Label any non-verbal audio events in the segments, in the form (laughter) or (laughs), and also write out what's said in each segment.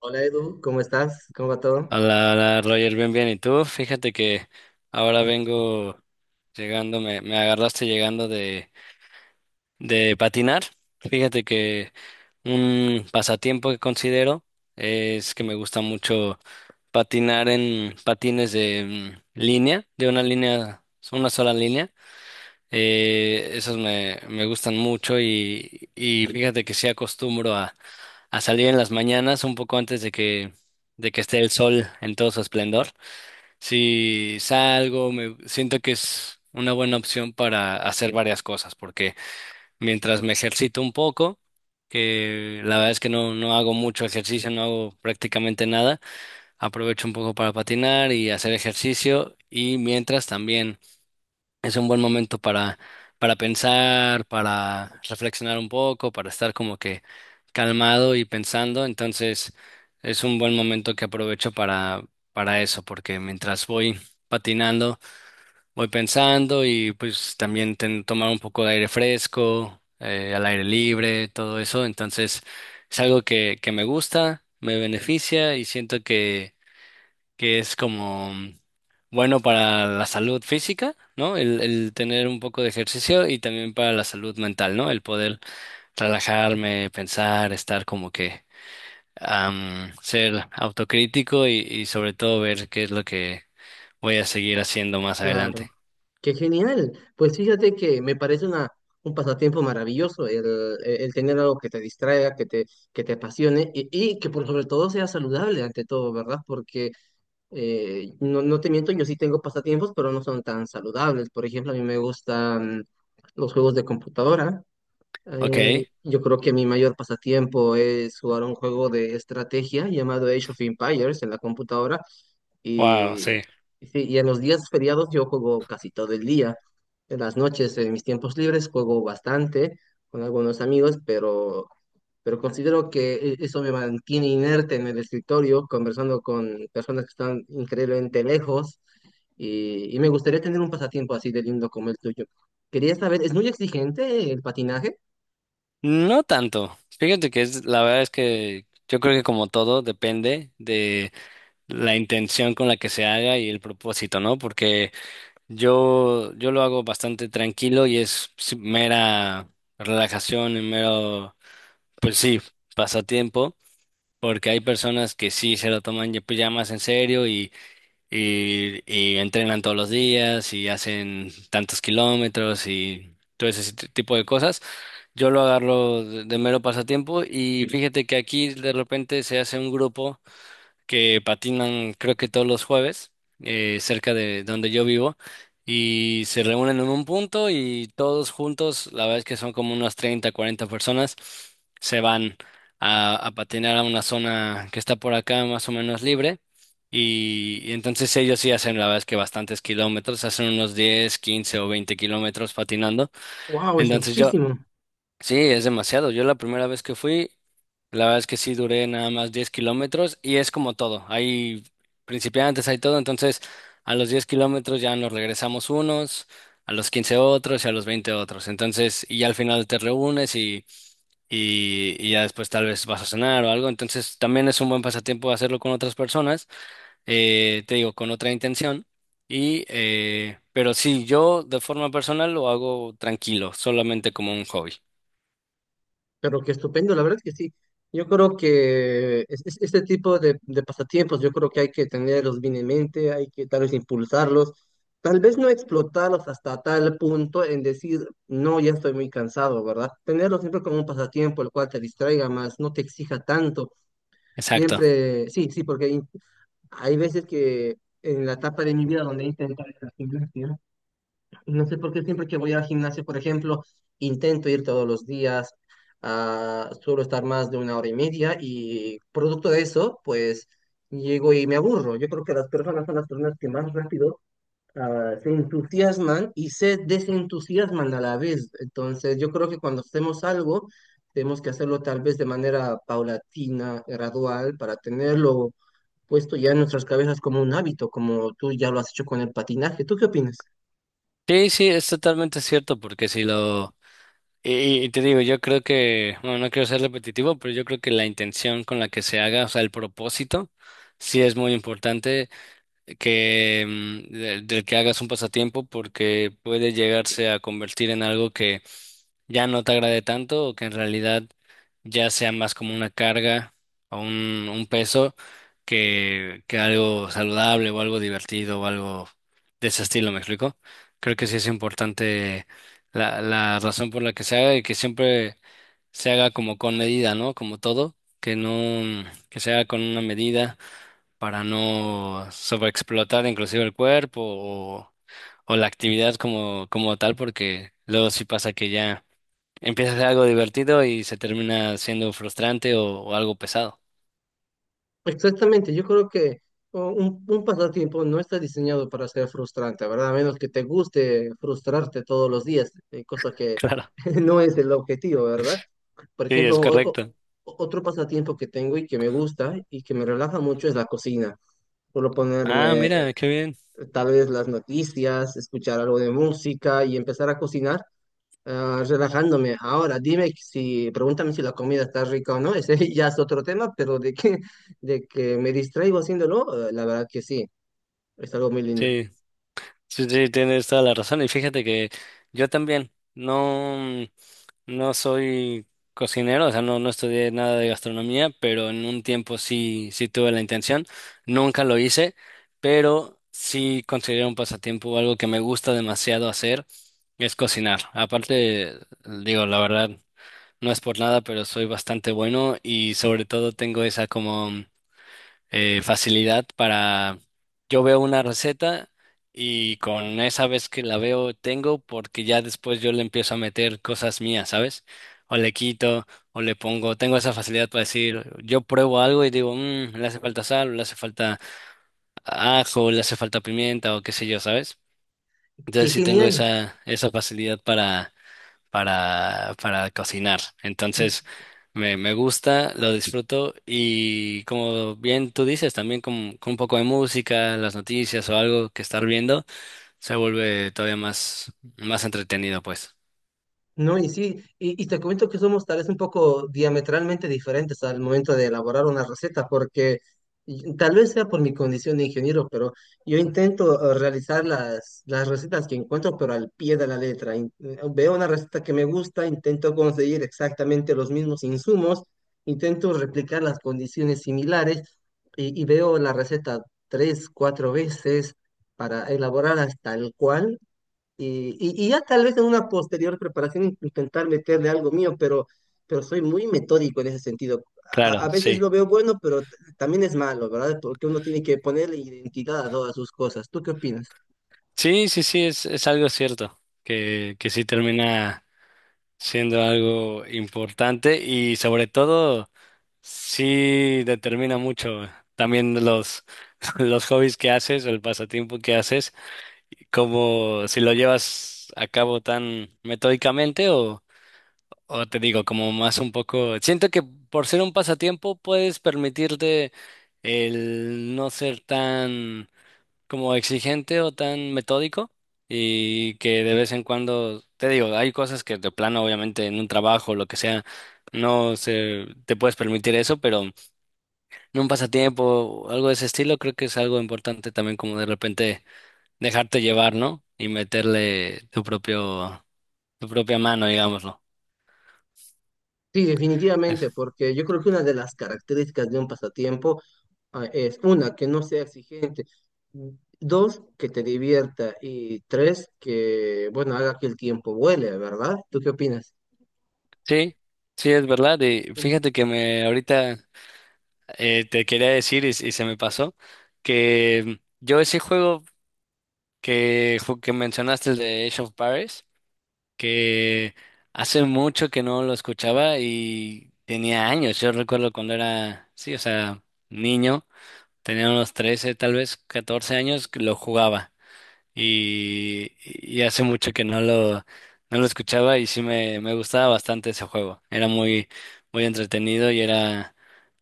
Hola Edu, ¿cómo estás? ¿Cómo va todo? Hola, hola, Roger, bien, bien. ¿Y tú? Fíjate que ahora vengo llegando, me agarraste llegando de patinar. Fíjate que un pasatiempo que considero es que me gusta mucho patinar en patines de línea, de una línea, una sola línea. Esos me gustan mucho y fíjate que sí acostumbro a salir en las mañanas un poco antes de que esté el sol en todo su esplendor. Si salgo, me siento que es una buena opción para hacer varias cosas, porque mientras me ejercito un poco, que la verdad es que no, no hago mucho ejercicio, no hago prácticamente nada, aprovecho un poco para patinar y hacer ejercicio, y mientras también. Es un buen momento para pensar, para reflexionar un poco, para estar como que calmado y pensando. Entonces, es un buen momento que aprovecho para eso, porque mientras voy patinando, voy pensando y pues también tomar un poco de aire fresco, al aire libre, todo eso. Entonces, es algo que me gusta, me beneficia y siento que es como bueno para la salud física, ¿no? El tener un poco de ejercicio y también para la salud mental, ¿no? El poder relajarme, pensar, estar como que ser autocrítico y sobre todo ver qué es lo que voy a seguir haciendo más Claro, adelante. qué genial. Pues fíjate que me parece un pasatiempo maravilloso el tener algo que te distraiga, que te apasione y que por sobre todo sea saludable ante todo, ¿verdad? Porque no, no te miento, yo sí tengo pasatiempos, pero no son tan saludables. Por ejemplo, a mí me gustan los juegos de computadora. Ok, Yo creo que mi mayor pasatiempo es jugar un juego de estrategia llamado Age of Empires en la computadora. wow, Y, sí. y sí, y en los días feriados yo juego casi todo el día. En las noches, en mis tiempos libres, juego bastante con algunos amigos, pero considero que eso me mantiene inerte en el escritorio, conversando con personas que están increíblemente lejos. Y me gustaría tener un pasatiempo así de lindo como el tuyo. Quería saber, ¿es muy exigente el patinaje? No tanto. Fíjate que es, la verdad es que yo creo que como todo depende de la intención con la que se haga y el propósito, ¿no? Porque yo lo hago bastante tranquilo y es sí, mera relajación y mero, pues sí, pasatiempo, porque hay personas que sí se lo toman ya, pues, ya más en serio y entrenan todos los días y hacen tantos kilómetros y todo ese tipo de cosas. Yo lo agarro de mero pasatiempo y fíjate que aquí de repente se hace un grupo que patinan creo que todos los jueves cerca de donde yo vivo y se reúnen en un punto y todos juntos, la verdad es que son como unas 30 40 personas, se van a patinar a una zona que está por acá más o menos libre y entonces ellos sí hacen la verdad es que bastantes kilómetros, hacen unos 10 15 o 20 kilómetros patinando. ¡Wow! Es Entonces yo muchísimo. sí, es demasiado. Yo la primera vez que fui, la verdad es que sí duré nada más 10 kilómetros y es como todo. Hay principiantes, hay todo. Entonces, a los 10 kilómetros ya nos regresamos unos, a los 15 otros y a los 20 otros. Entonces, y ya al final te reúnes y ya después tal vez vas a cenar o algo. Entonces, también es un buen pasatiempo hacerlo con otras personas, te digo, con otra intención. Y, pero sí, yo de forma personal lo hago tranquilo, solamente como un hobby. Pero qué estupendo, la verdad que sí. Yo creo que este tipo de pasatiempos, yo creo que hay que tenerlos bien en mente, hay que tal vez impulsarlos, tal vez no explotarlos hasta tal punto en decir, no, ya estoy muy cansado, ¿verdad? Tenerlos siempre como un pasatiempo, el cual te distraiga más, no te exija tanto. Exacto. Siempre, sí, sí, porque hay veces que en la etapa de mi vida donde he intentado, no sé por qué siempre que voy al gimnasio, por ejemplo, intento ir todos los días, suelo estar más de una hora y media y producto de eso, pues llego y me aburro. Yo creo que las personas son las personas que más rápido, se entusiasman y se desentusiasman a la vez. Entonces, yo creo que cuando hacemos algo, tenemos que hacerlo tal vez de manera paulatina, gradual, para tenerlo puesto ya en nuestras cabezas como un hábito, como tú ya lo has hecho con el patinaje. ¿Tú qué opinas? Sí, sí, es totalmente cierto, porque si lo... Y te digo, yo creo que, bueno, no quiero ser repetitivo, pero yo creo que la intención con la que se haga, o sea, el propósito, sí es muy importante que del que hagas un pasatiempo, porque puede llegarse a convertir en algo que ya no te agrade tanto o que en realidad ya sea más como una carga o un peso que algo saludable o algo divertido o algo de ese estilo, ¿me explico? Creo que sí es importante la razón por la que se haga y que siempre se haga como con medida, ¿no? Como todo, que no, que se haga con una medida para no sobreexplotar inclusive el cuerpo o la actividad como tal, porque luego sí pasa que ya empieza a ser algo divertido y se termina siendo frustrante o algo pesado. (laughs) Exactamente, yo creo que un pasatiempo no está diseñado para ser frustrante, ¿verdad? A menos que te guste frustrarte todos los días, cosa que Claro. (laughs) no es el objetivo, ¿verdad? Por Sí, es ejemplo, correcto. otro pasatiempo que tengo y que me gusta y que me relaja mucho es la cocina. Solo Ah, ponerme mira, qué bien. tal vez las noticias, escuchar algo de música y empezar a cocinar. Ah, relajándome. Ahora, dime si, pregúntame si la comida está rica o no, ese (laughs) ya es otro tema, pero de que me distraigo haciéndolo, la verdad que sí, es algo muy lindo. Sí, sí, sí, tienes toda la razón. Y fíjate que yo también no, no soy cocinero, o sea, no, no estudié nada de gastronomía, pero en un tiempo sí, sí tuve la intención. Nunca lo hice, pero sí considero un pasatiempo algo que me gusta demasiado hacer, es cocinar. Aparte, digo, la verdad. No es por nada, pero soy bastante bueno y sobre todo tengo esa como facilidad para... Yo veo una receta y con esa vez que la veo tengo porque ya después yo le empiezo a meter cosas mías, ¿sabes? O le quito o le pongo. Tengo esa facilidad para decir, yo pruebo algo y digo: Le hace falta sal, o le hace falta ajo, o le hace falta pimienta o qué sé yo", ¿sabes? ¡Qué Entonces sí tengo genial! Esa facilidad para cocinar. Entonces, me gusta, lo disfruto y como bien tú dices, también con un poco de música, las noticias o algo que estar viendo, se vuelve todavía más, más entretenido, pues. No, y sí, y te comento que somos tal vez un poco diametralmente diferentes al momento de elaborar una receta, porque tal vez sea por mi condición de ingeniero, pero yo intento realizar las recetas que encuentro, pero al pie de la letra. Veo una receta que me gusta, intento conseguir exactamente los mismos insumos, intento replicar las condiciones similares y veo la receta tres, cuatro veces para elaborarlas tal cual y, y ya tal vez en una posterior preparación intentar meterle algo mío, pero soy muy metódico en ese sentido. A Claro, veces sí. lo veo bueno, pero también es malo, ¿verdad? Porque uno tiene que ponerle identidad a todas sus cosas. ¿Tú qué opinas? Sí, sí, sí, es algo cierto, que sí termina siendo algo importante y sobre todo sí determina mucho también los, (laughs) los hobbies que haces, el pasatiempo que haces. ¿Cómo si lo llevas a cabo tan metódicamente o te digo, como más un poco, siento que por ser un pasatiempo puedes permitirte el no ser tan como exigente o tan metódico y que de vez en cuando, te digo, hay cosas que de plano, obviamente, en un trabajo o lo que sea, no se, te puedes permitir eso, pero en un pasatiempo o algo de ese estilo creo que es algo importante también como de repente dejarte llevar, ¿no? Y meterle tu propio, tu propia mano, digámoslo. Sí, Es- definitivamente, porque yo creo que una de las características de un pasatiempo es una, que no sea exigente, dos, que te divierta y tres, que, bueno, haga que el tiempo vuele, ¿verdad? ¿Tú qué opinas? sí, sí, es verdad. Y fíjate que me ahorita te quería decir y se me pasó que yo ese juego que mencionaste, el de Age of Paris, que hace mucho que no lo escuchaba y tenía años. Yo recuerdo cuando era, sí, o sea, niño, tenía unos 13, tal vez 14 años, que lo jugaba. Y hace mucho que no lo escuchaba y sí me gustaba bastante ese juego. Era muy, muy entretenido y era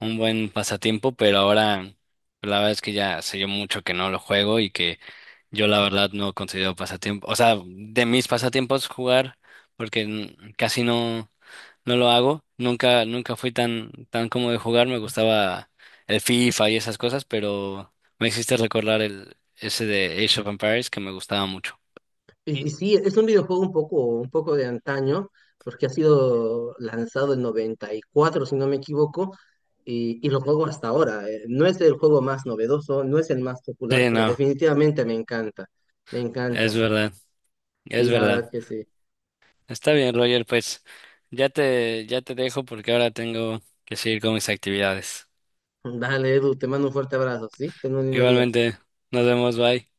un buen pasatiempo, pero ahora la verdad es que ya hace yo mucho que no lo juego y que yo la verdad no considero pasatiempo, o sea, de mis pasatiempos jugar, porque casi no, no lo hago. Nunca, nunca fui tan, tan como de jugar. Me gustaba el FIFA y esas cosas, pero me hiciste recordar el, ese de Age of Empires que me gustaba mucho. Y sí, es un videojuego un poco de antaño, porque ha sido lanzado en 94 si no me equivoco, y lo juego hasta ahora. No es el juego más novedoso, no es el más popular, Sí, pero no, definitivamente me encanta, me es encanta. verdad, es Sí, la verdad. verdad que sí. Está bien, Roger, pues ya te dejo porque ahora tengo que seguir con mis actividades. (laughs) Dale, Edu, te mando un fuerte abrazo, ¿sí? Ten un lindo día. Igualmente, nos vemos, bye.